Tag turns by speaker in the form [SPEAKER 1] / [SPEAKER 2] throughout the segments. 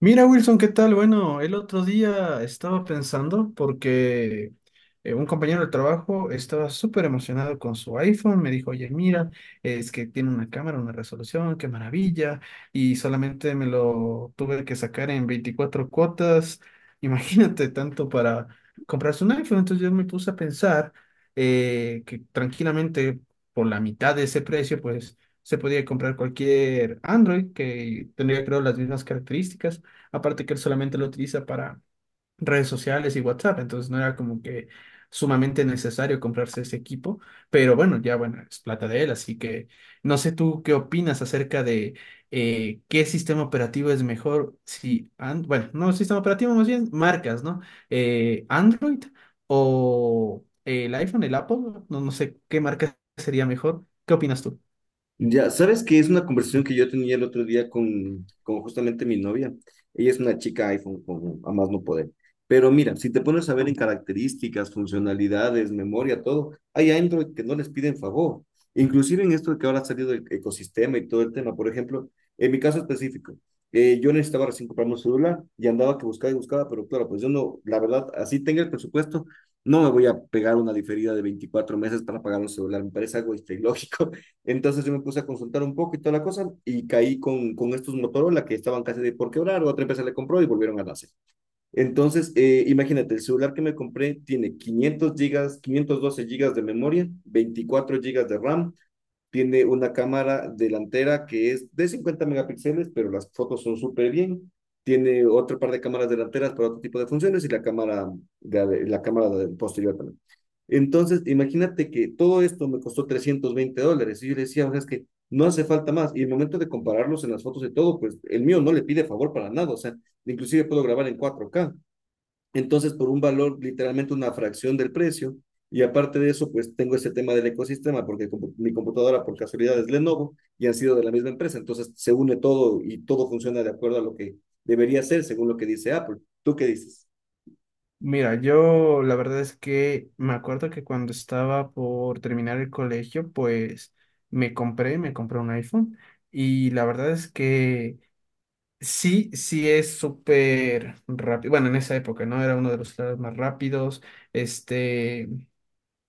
[SPEAKER 1] Mira, Wilson, ¿qué tal? Bueno, el otro día estaba pensando porque un compañero de trabajo estaba súper emocionado con su iPhone. Me dijo, oye, mira, es que tiene una cámara, una resolución, qué maravilla. Y solamente me lo tuve que sacar en 24 cuotas. Imagínate tanto para comprarse un iPhone. Entonces yo me puse a pensar que tranquilamente por la mitad de ese precio, pues se podía comprar cualquier Android que tendría, creo, las mismas características. Aparte que él solamente lo utiliza para redes sociales y WhatsApp, entonces no era como que sumamente necesario comprarse ese equipo, pero bueno, ya bueno, es plata de él, así que no sé tú qué opinas acerca de qué sistema operativo es mejor, si, bueno, no sistema operativo, más bien marcas, ¿no? Android o el iPhone, el Apple, no sé qué marca sería mejor, ¿qué opinas tú?
[SPEAKER 2] Ya, sabes que es una conversación que yo tenía el otro día con justamente mi novia. Ella es una chica iPhone, con, a más no poder. Pero mira, si te pones a ver en características, funcionalidades, memoria, todo, hay Android que no les piden favor. Inclusive en esto de que ahora ha salido el ecosistema y todo el tema. Por ejemplo, en mi caso específico, yo necesitaba recién comprarme un celular y andaba que buscaba y buscaba, pero claro, pues yo no, la verdad, así tenga el presupuesto, no me voy a pegar una diferida de 24 meses para pagar un celular. Me parece algo este, ilógico. Entonces yo me puse a consultar un poco y toda la cosa y caí con estos Motorola que estaban casi de por quebrar, otra empresa le compró y volvieron a nacer. Entonces, imagínate, el celular que me compré tiene 500 gigas, 512 gigas de memoria, 24 gigas de RAM, tiene una cámara delantera que es de 50 megapíxeles, pero las fotos son súper bien. Tiene otro par de cámaras delanteras para otro tipo de funciones y la cámara posterior también. Entonces, imagínate que todo esto me costó $320. Y yo le decía, o sea, es que no hace falta más. Y en el momento de compararlos en las fotos de todo, pues el mío no le pide favor para nada. O sea, inclusive puedo grabar en 4K. Entonces, por un valor, literalmente una fracción del precio. Y aparte de eso, pues tengo ese tema del ecosistema, porque mi computadora por casualidad es Lenovo y han sido de la misma empresa. Entonces, se une todo y todo funciona de acuerdo a lo que debería ser, según lo que dice Apple. ¿Tú qué dices?
[SPEAKER 1] Mira, yo la verdad es que me acuerdo que cuando estaba por terminar el colegio, pues me compré un iPhone y la verdad es que sí, sí es súper rápido. Bueno, en esa época, ¿no? Era uno de los celulares más rápidos. Este,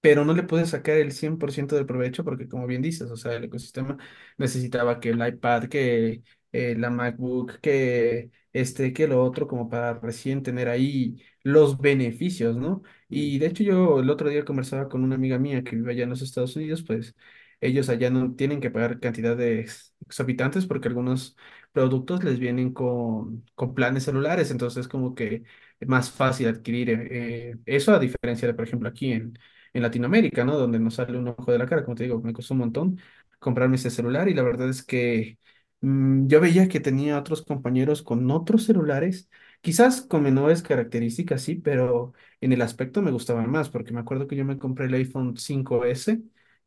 [SPEAKER 1] pero no le pude sacar el 100% del provecho porque, como bien dices, o sea, el ecosistema necesitaba que el iPad, que la MacBook, que este, que lo otro, como para recién tener ahí los beneficios, ¿no?
[SPEAKER 2] Mm.
[SPEAKER 1] Y de hecho yo el otro día conversaba con una amiga mía que vive allá en los Estados Unidos, pues ellos allá no tienen que pagar cantidad de exorbitantes porque algunos productos les vienen con planes celulares, entonces como que es más fácil adquirir eso a diferencia de, por ejemplo, aquí en Latinoamérica, ¿no? Donde nos sale un ojo de la cara, como te digo, me costó un montón comprarme ese celular y la verdad es que yo veía que tenía otros compañeros con otros celulares, quizás con menores características, sí, pero en el aspecto me gustaban más, porque me acuerdo que yo me compré el iPhone 5S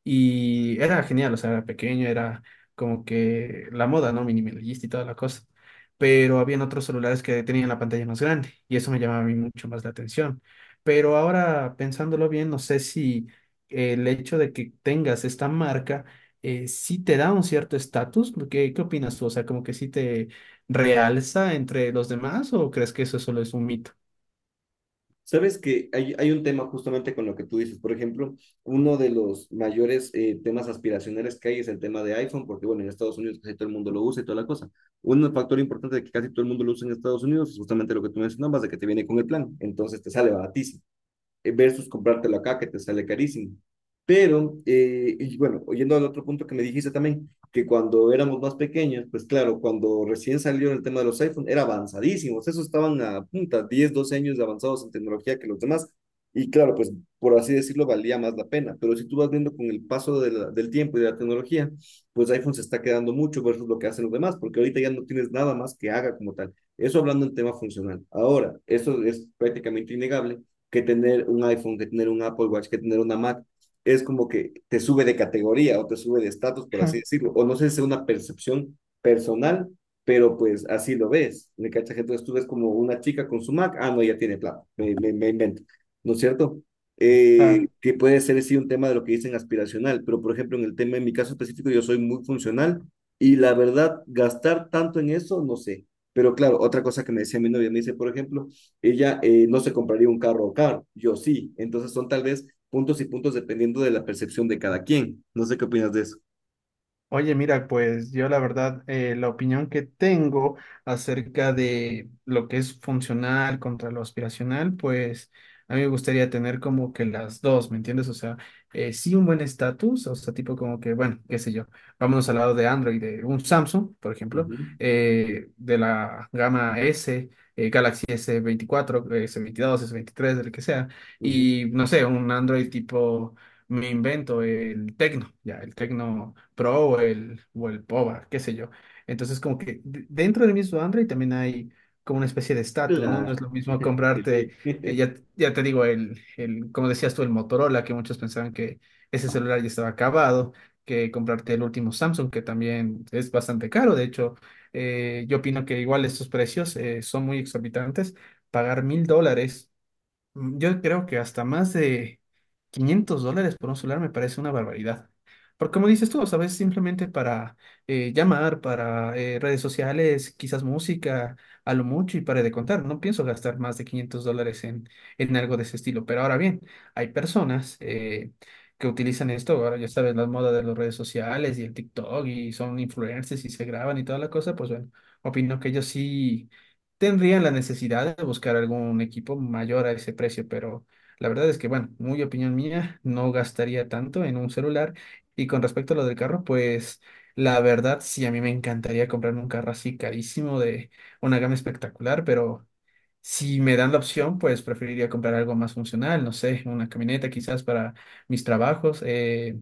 [SPEAKER 1] y era genial, o sea, era pequeño, era como que la moda, ¿no? Minimalista y toda la cosa pero habían otros celulares que tenían la pantalla más grande y eso me llamaba a mí mucho más la atención. Pero ahora pensándolo bien, no sé si el hecho de que tengas esta marca sí te da un cierto estatus. ¿Qué, qué opinas tú? O sea, como que sí te realza entre los demás o ¿crees que eso solo es un mito?
[SPEAKER 2] Sabes que hay un tema justamente con lo que tú dices. Por ejemplo, uno de los mayores temas aspiracionales que hay es el tema de iPhone, porque bueno, en Estados Unidos casi todo el mundo lo usa y toda la cosa. Un factor importante de que casi todo el mundo lo usa en Estados Unidos es justamente lo que tú mencionabas, de que te viene con el plan, entonces te sale baratísimo versus comprártelo acá que te sale carísimo. Pero, y bueno, oyendo al otro punto que me dijiste también, que cuando éramos más pequeños, pues claro, cuando recién salió el tema de los iPhone era avanzadísimos, esos estaban a punta, 10, 12 años de avanzados en tecnología que los demás, y claro, pues por así decirlo, valía más la pena, pero si tú vas viendo con el paso de del tiempo y de la tecnología, pues iPhone se está quedando mucho versus lo que hacen los demás, porque ahorita ya no tienes nada más que haga como tal. Eso hablando en tema funcional. Ahora, eso es prácticamente innegable que tener un iPhone, que tener un Apple Watch, que tener una Mac. Es como que te sube de categoría o te sube de estatus, por así decirlo. O no sé si es una percepción personal, pero pues así lo ves. ¿Me cachas? Entonces tú ves como una chica con su Mac, ah, no, ya tiene plata, me invento, ¿no es cierto? Que puede ser sí un tema de lo que dicen aspiracional, pero por ejemplo en el tema, en mi caso específico, yo soy muy funcional y la verdad, gastar tanto en eso, no sé. Pero claro, otra cosa que me decía mi novia, me dice, por ejemplo, ella no se compraría un carro o car, yo sí. Entonces son tal vez puntos y puntos dependiendo de la percepción de cada quien. No sé qué opinas de eso.
[SPEAKER 1] Oye, mira, pues yo la verdad, la opinión que tengo acerca de lo que es funcional contra lo aspiracional, pues a mí me gustaría tener como que las dos, ¿me entiendes? O sea, sí un buen estatus, o sea, tipo como que, bueno, qué sé yo, vámonos al lado de Android, de un Samsung, por ejemplo,
[SPEAKER 2] Ujú,
[SPEAKER 1] de la gama S, Galaxy s veinticuatro, s veintidós, s veintitrés, del que sea,
[SPEAKER 2] ujú.
[SPEAKER 1] y no sé, un Android tipo, me invento el Tecno, ya, el Tecno. Pro o el POBA, qué sé yo. Entonces, como que dentro del mismo Android también hay como una especie de estatus, ¿no? No
[SPEAKER 2] Claro,
[SPEAKER 1] es lo mismo comprarte,
[SPEAKER 2] Felipe.
[SPEAKER 1] ya te digo, como decías tú, el Motorola, que muchos pensaban que ese celular ya estaba acabado, que comprarte el último Samsung, que también es bastante caro. De hecho, yo opino que igual estos precios son muy exorbitantes. Pagar mil dólares. Yo creo que hasta más de 500 dólares por un celular me parece una barbaridad. Porque como dices tú, ¿sabes? Simplemente para llamar, para redes sociales, quizás música, a lo mucho y para de contar. No pienso gastar más de 500 dólares en algo de ese estilo. Pero ahora bien, hay personas que utilizan esto. Ahora ya sabes, la moda de las redes sociales y el TikTok y son influencers y se graban y toda la cosa. Pues bueno, opino que ellos sí tendrían la necesidad de buscar algún equipo mayor a ese precio, pero la verdad es que, bueno, muy opinión mía, no gastaría tanto en un celular. Y con respecto a lo del carro, pues la verdad sí, a mí me encantaría comprarme un carro así carísimo de una gama espectacular, pero si me dan la opción, pues preferiría comprar algo más funcional, no sé, una camioneta quizás para mis trabajos.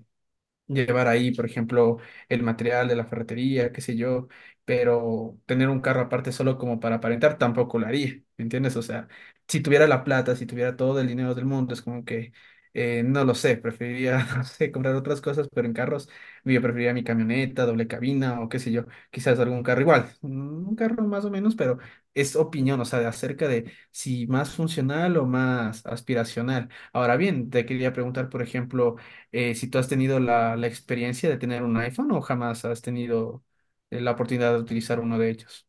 [SPEAKER 1] Llevar ahí, por ejemplo, el material de la ferretería, qué sé yo, pero tener un carro aparte solo como para aparentar tampoco lo haría, ¿me entiendes? O sea, si tuviera la plata, si tuviera todo el dinero del mundo, es como que, no lo sé, preferiría, no sé, comprar otras cosas, pero en carros, yo preferiría mi camioneta, doble cabina o qué sé yo, quizás algún carro igual, un carro más o menos, pero es opinión, o sea, de acerca de si más funcional o más aspiracional. Ahora bien, te quería preguntar, por ejemplo, si tú has tenido la experiencia de tener un iPhone o jamás has tenido la oportunidad de utilizar uno de ellos.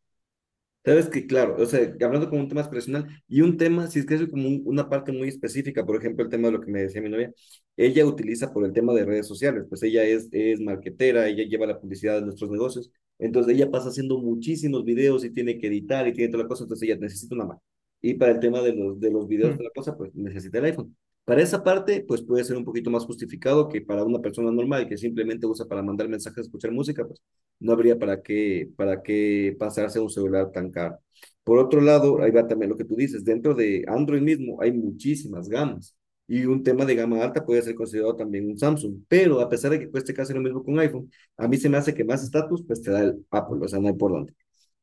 [SPEAKER 2] Sabes que, claro, o sea, hablando como un tema personal y un tema, si es que es como una parte muy específica, por ejemplo, el tema de lo que me decía mi novia, ella utiliza por el tema de redes sociales, pues ella es marketera, ella lleva la publicidad de nuestros negocios, entonces ella pasa haciendo muchísimos videos y tiene que editar y tiene toda la cosa, entonces ella necesita una Mac. Y para el tema de de los videos,
[SPEAKER 1] Mm,
[SPEAKER 2] toda la cosa, pues necesita el iPhone. Para esa parte, pues puede ser un poquito más justificado que para una persona normal que simplemente usa para mandar mensajes, escuchar música, pues no habría para qué pasarse a un celular tan caro. Por otro lado, ahí
[SPEAKER 1] mm.
[SPEAKER 2] va también lo que tú dices, dentro de Android mismo hay muchísimas gamas y un tema de gama alta puede ser considerado también un Samsung, pero a pesar de que cueste casi lo mismo que un iPhone, a mí se me hace que más estatus pues te da el Apple, o sea, no hay por dónde.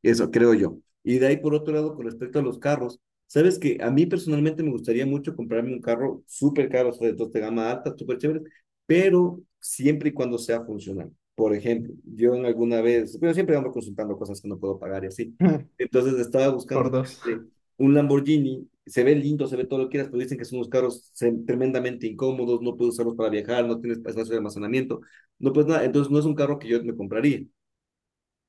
[SPEAKER 2] Eso creo yo. Y de ahí por otro lado, con respecto a los carros, sabes que a mí personalmente me gustaría mucho comprarme un carro súper caro, o sea, de gama alta, súper chévere, pero siempre y cuando sea funcional. Por ejemplo, yo en alguna vez, pero siempre ando consultando cosas que no puedo pagar y así. Entonces estaba buscando
[SPEAKER 1] Por
[SPEAKER 2] un tema
[SPEAKER 1] dos.
[SPEAKER 2] de un Lamborghini, se ve lindo, se ve todo lo que quieras, pero dicen que son unos carros tremendamente incómodos, no puedes usarlos para viajar, no tienes espacio de almacenamiento, no puedes nada. Entonces no es un carro que yo me compraría.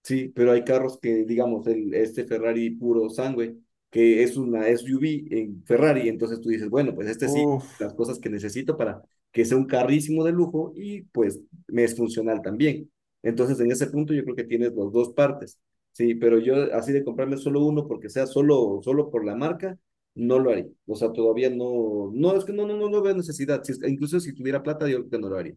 [SPEAKER 2] Sí, pero hay carros que, digamos, el, este Ferrari puro sangue, que es una SUV en Ferrari, entonces tú dices, bueno, pues este sí,
[SPEAKER 1] Uf.
[SPEAKER 2] las cosas que necesito para que sea un carrísimo de lujo y pues me es funcional también. Entonces, en ese punto yo creo que tienes las dos partes, sí, pero yo así de comprarme solo uno porque sea solo, solo por la marca, no lo haría. O sea, todavía no, no, es que no, no, no, no veo necesidad. Si es- incluso si tuviera plata, yo creo que no lo haría.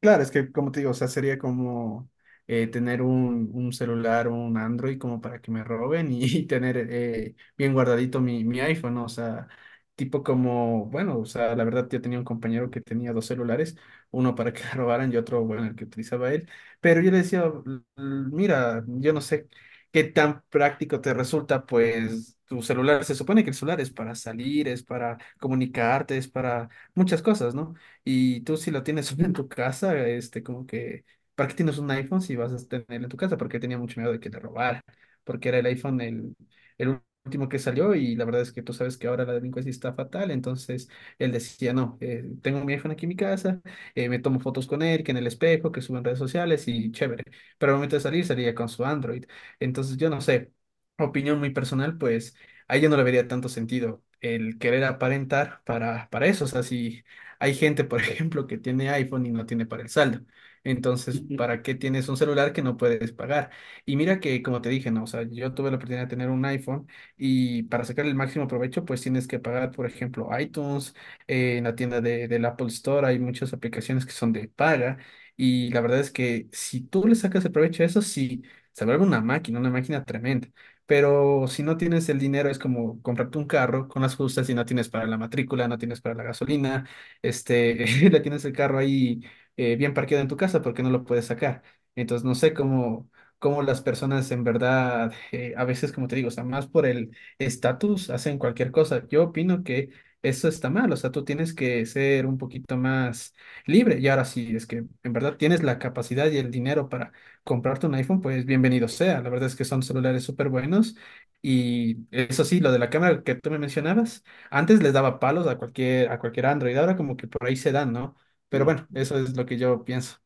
[SPEAKER 1] Claro, es que como te digo, o sea, sería como tener un celular, un Android como para que me roben y, tener bien guardadito mi iPhone, ¿no? O sea, tipo como, bueno, o sea, la verdad yo tenía un compañero que tenía dos celulares, uno para que le robaran y otro, bueno, el que utilizaba él, pero yo le decía, Mira, yo no sé qué tan práctico te resulta, pues tu celular, se supone que el celular es para salir, es para comunicarte, es para muchas cosas, ¿no? Y tú si lo tienes solo en tu casa, este, como que, ¿para qué tienes un iPhone si vas a tenerlo en tu casa? Porque tenía mucho miedo de que te robara, porque era el iPhone el último que salió y la verdad es que tú sabes que ahora la delincuencia está fatal, entonces él decía, no, tengo mi iPhone aquí en mi casa, me tomo fotos con él, que en el espejo, que subo en redes sociales y chévere, pero al momento de salir salía con su Android, entonces yo no sé, opinión muy personal, pues ahí yo no le vería tanto sentido el querer aparentar para eso, o sea, si... Hay gente, por ejemplo, que tiene iPhone y no tiene para el saldo. Entonces, ¿para qué tienes un celular que no puedes pagar? Y mira que, como te dije, ¿no? O sea, yo tuve la oportunidad de tener un iPhone y para sacar el máximo provecho, pues tienes que pagar, por ejemplo, iTunes, en la tienda de, del Apple Store hay muchas aplicaciones que son de paga y la verdad es que si tú le sacas el provecho a eso, sí, se vuelve una máquina tremenda. Pero si no tienes el dinero, es como comprarte un carro con las justas y no tienes para la matrícula, no tienes para la gasolina este, le tienes el carro ahí bien parqueado en tu casa porque no lo puedes sacar. Entonces, no sé cómo, cómo las personas en verdad, a veces, como te digo, o sea, más por el estatus, hacen cualquier cosa. Yo opino que eso está mal, o sea, tú tienes que ser un poquito más libre. Y ahora sí, es que en verdad tienes la capacidad y el dinero para comprarte un iPhone, pues bienvenido sea. La verdad es que son celulares súper buenos. Y eso sí, lo de la cámara que tú me mencionabas. Antes les daba palos a cualquier Android, ahora como que por ahí se dan, ¿no? Pero bueno, eso es lo que yo pienso.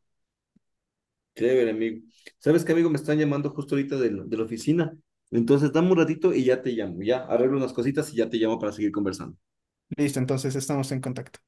[SPEAKER 2] Chévere, amigo. ¿Sabes qué, amigo? Me están llamando justo ahorita de la oficina. Entonces, dame un ratito y ya te llamo. Ya arreglo unas cositas y ya te llamo para seguir conversando.
[SPEAKER 1] Listo, entonces estamos en contacto.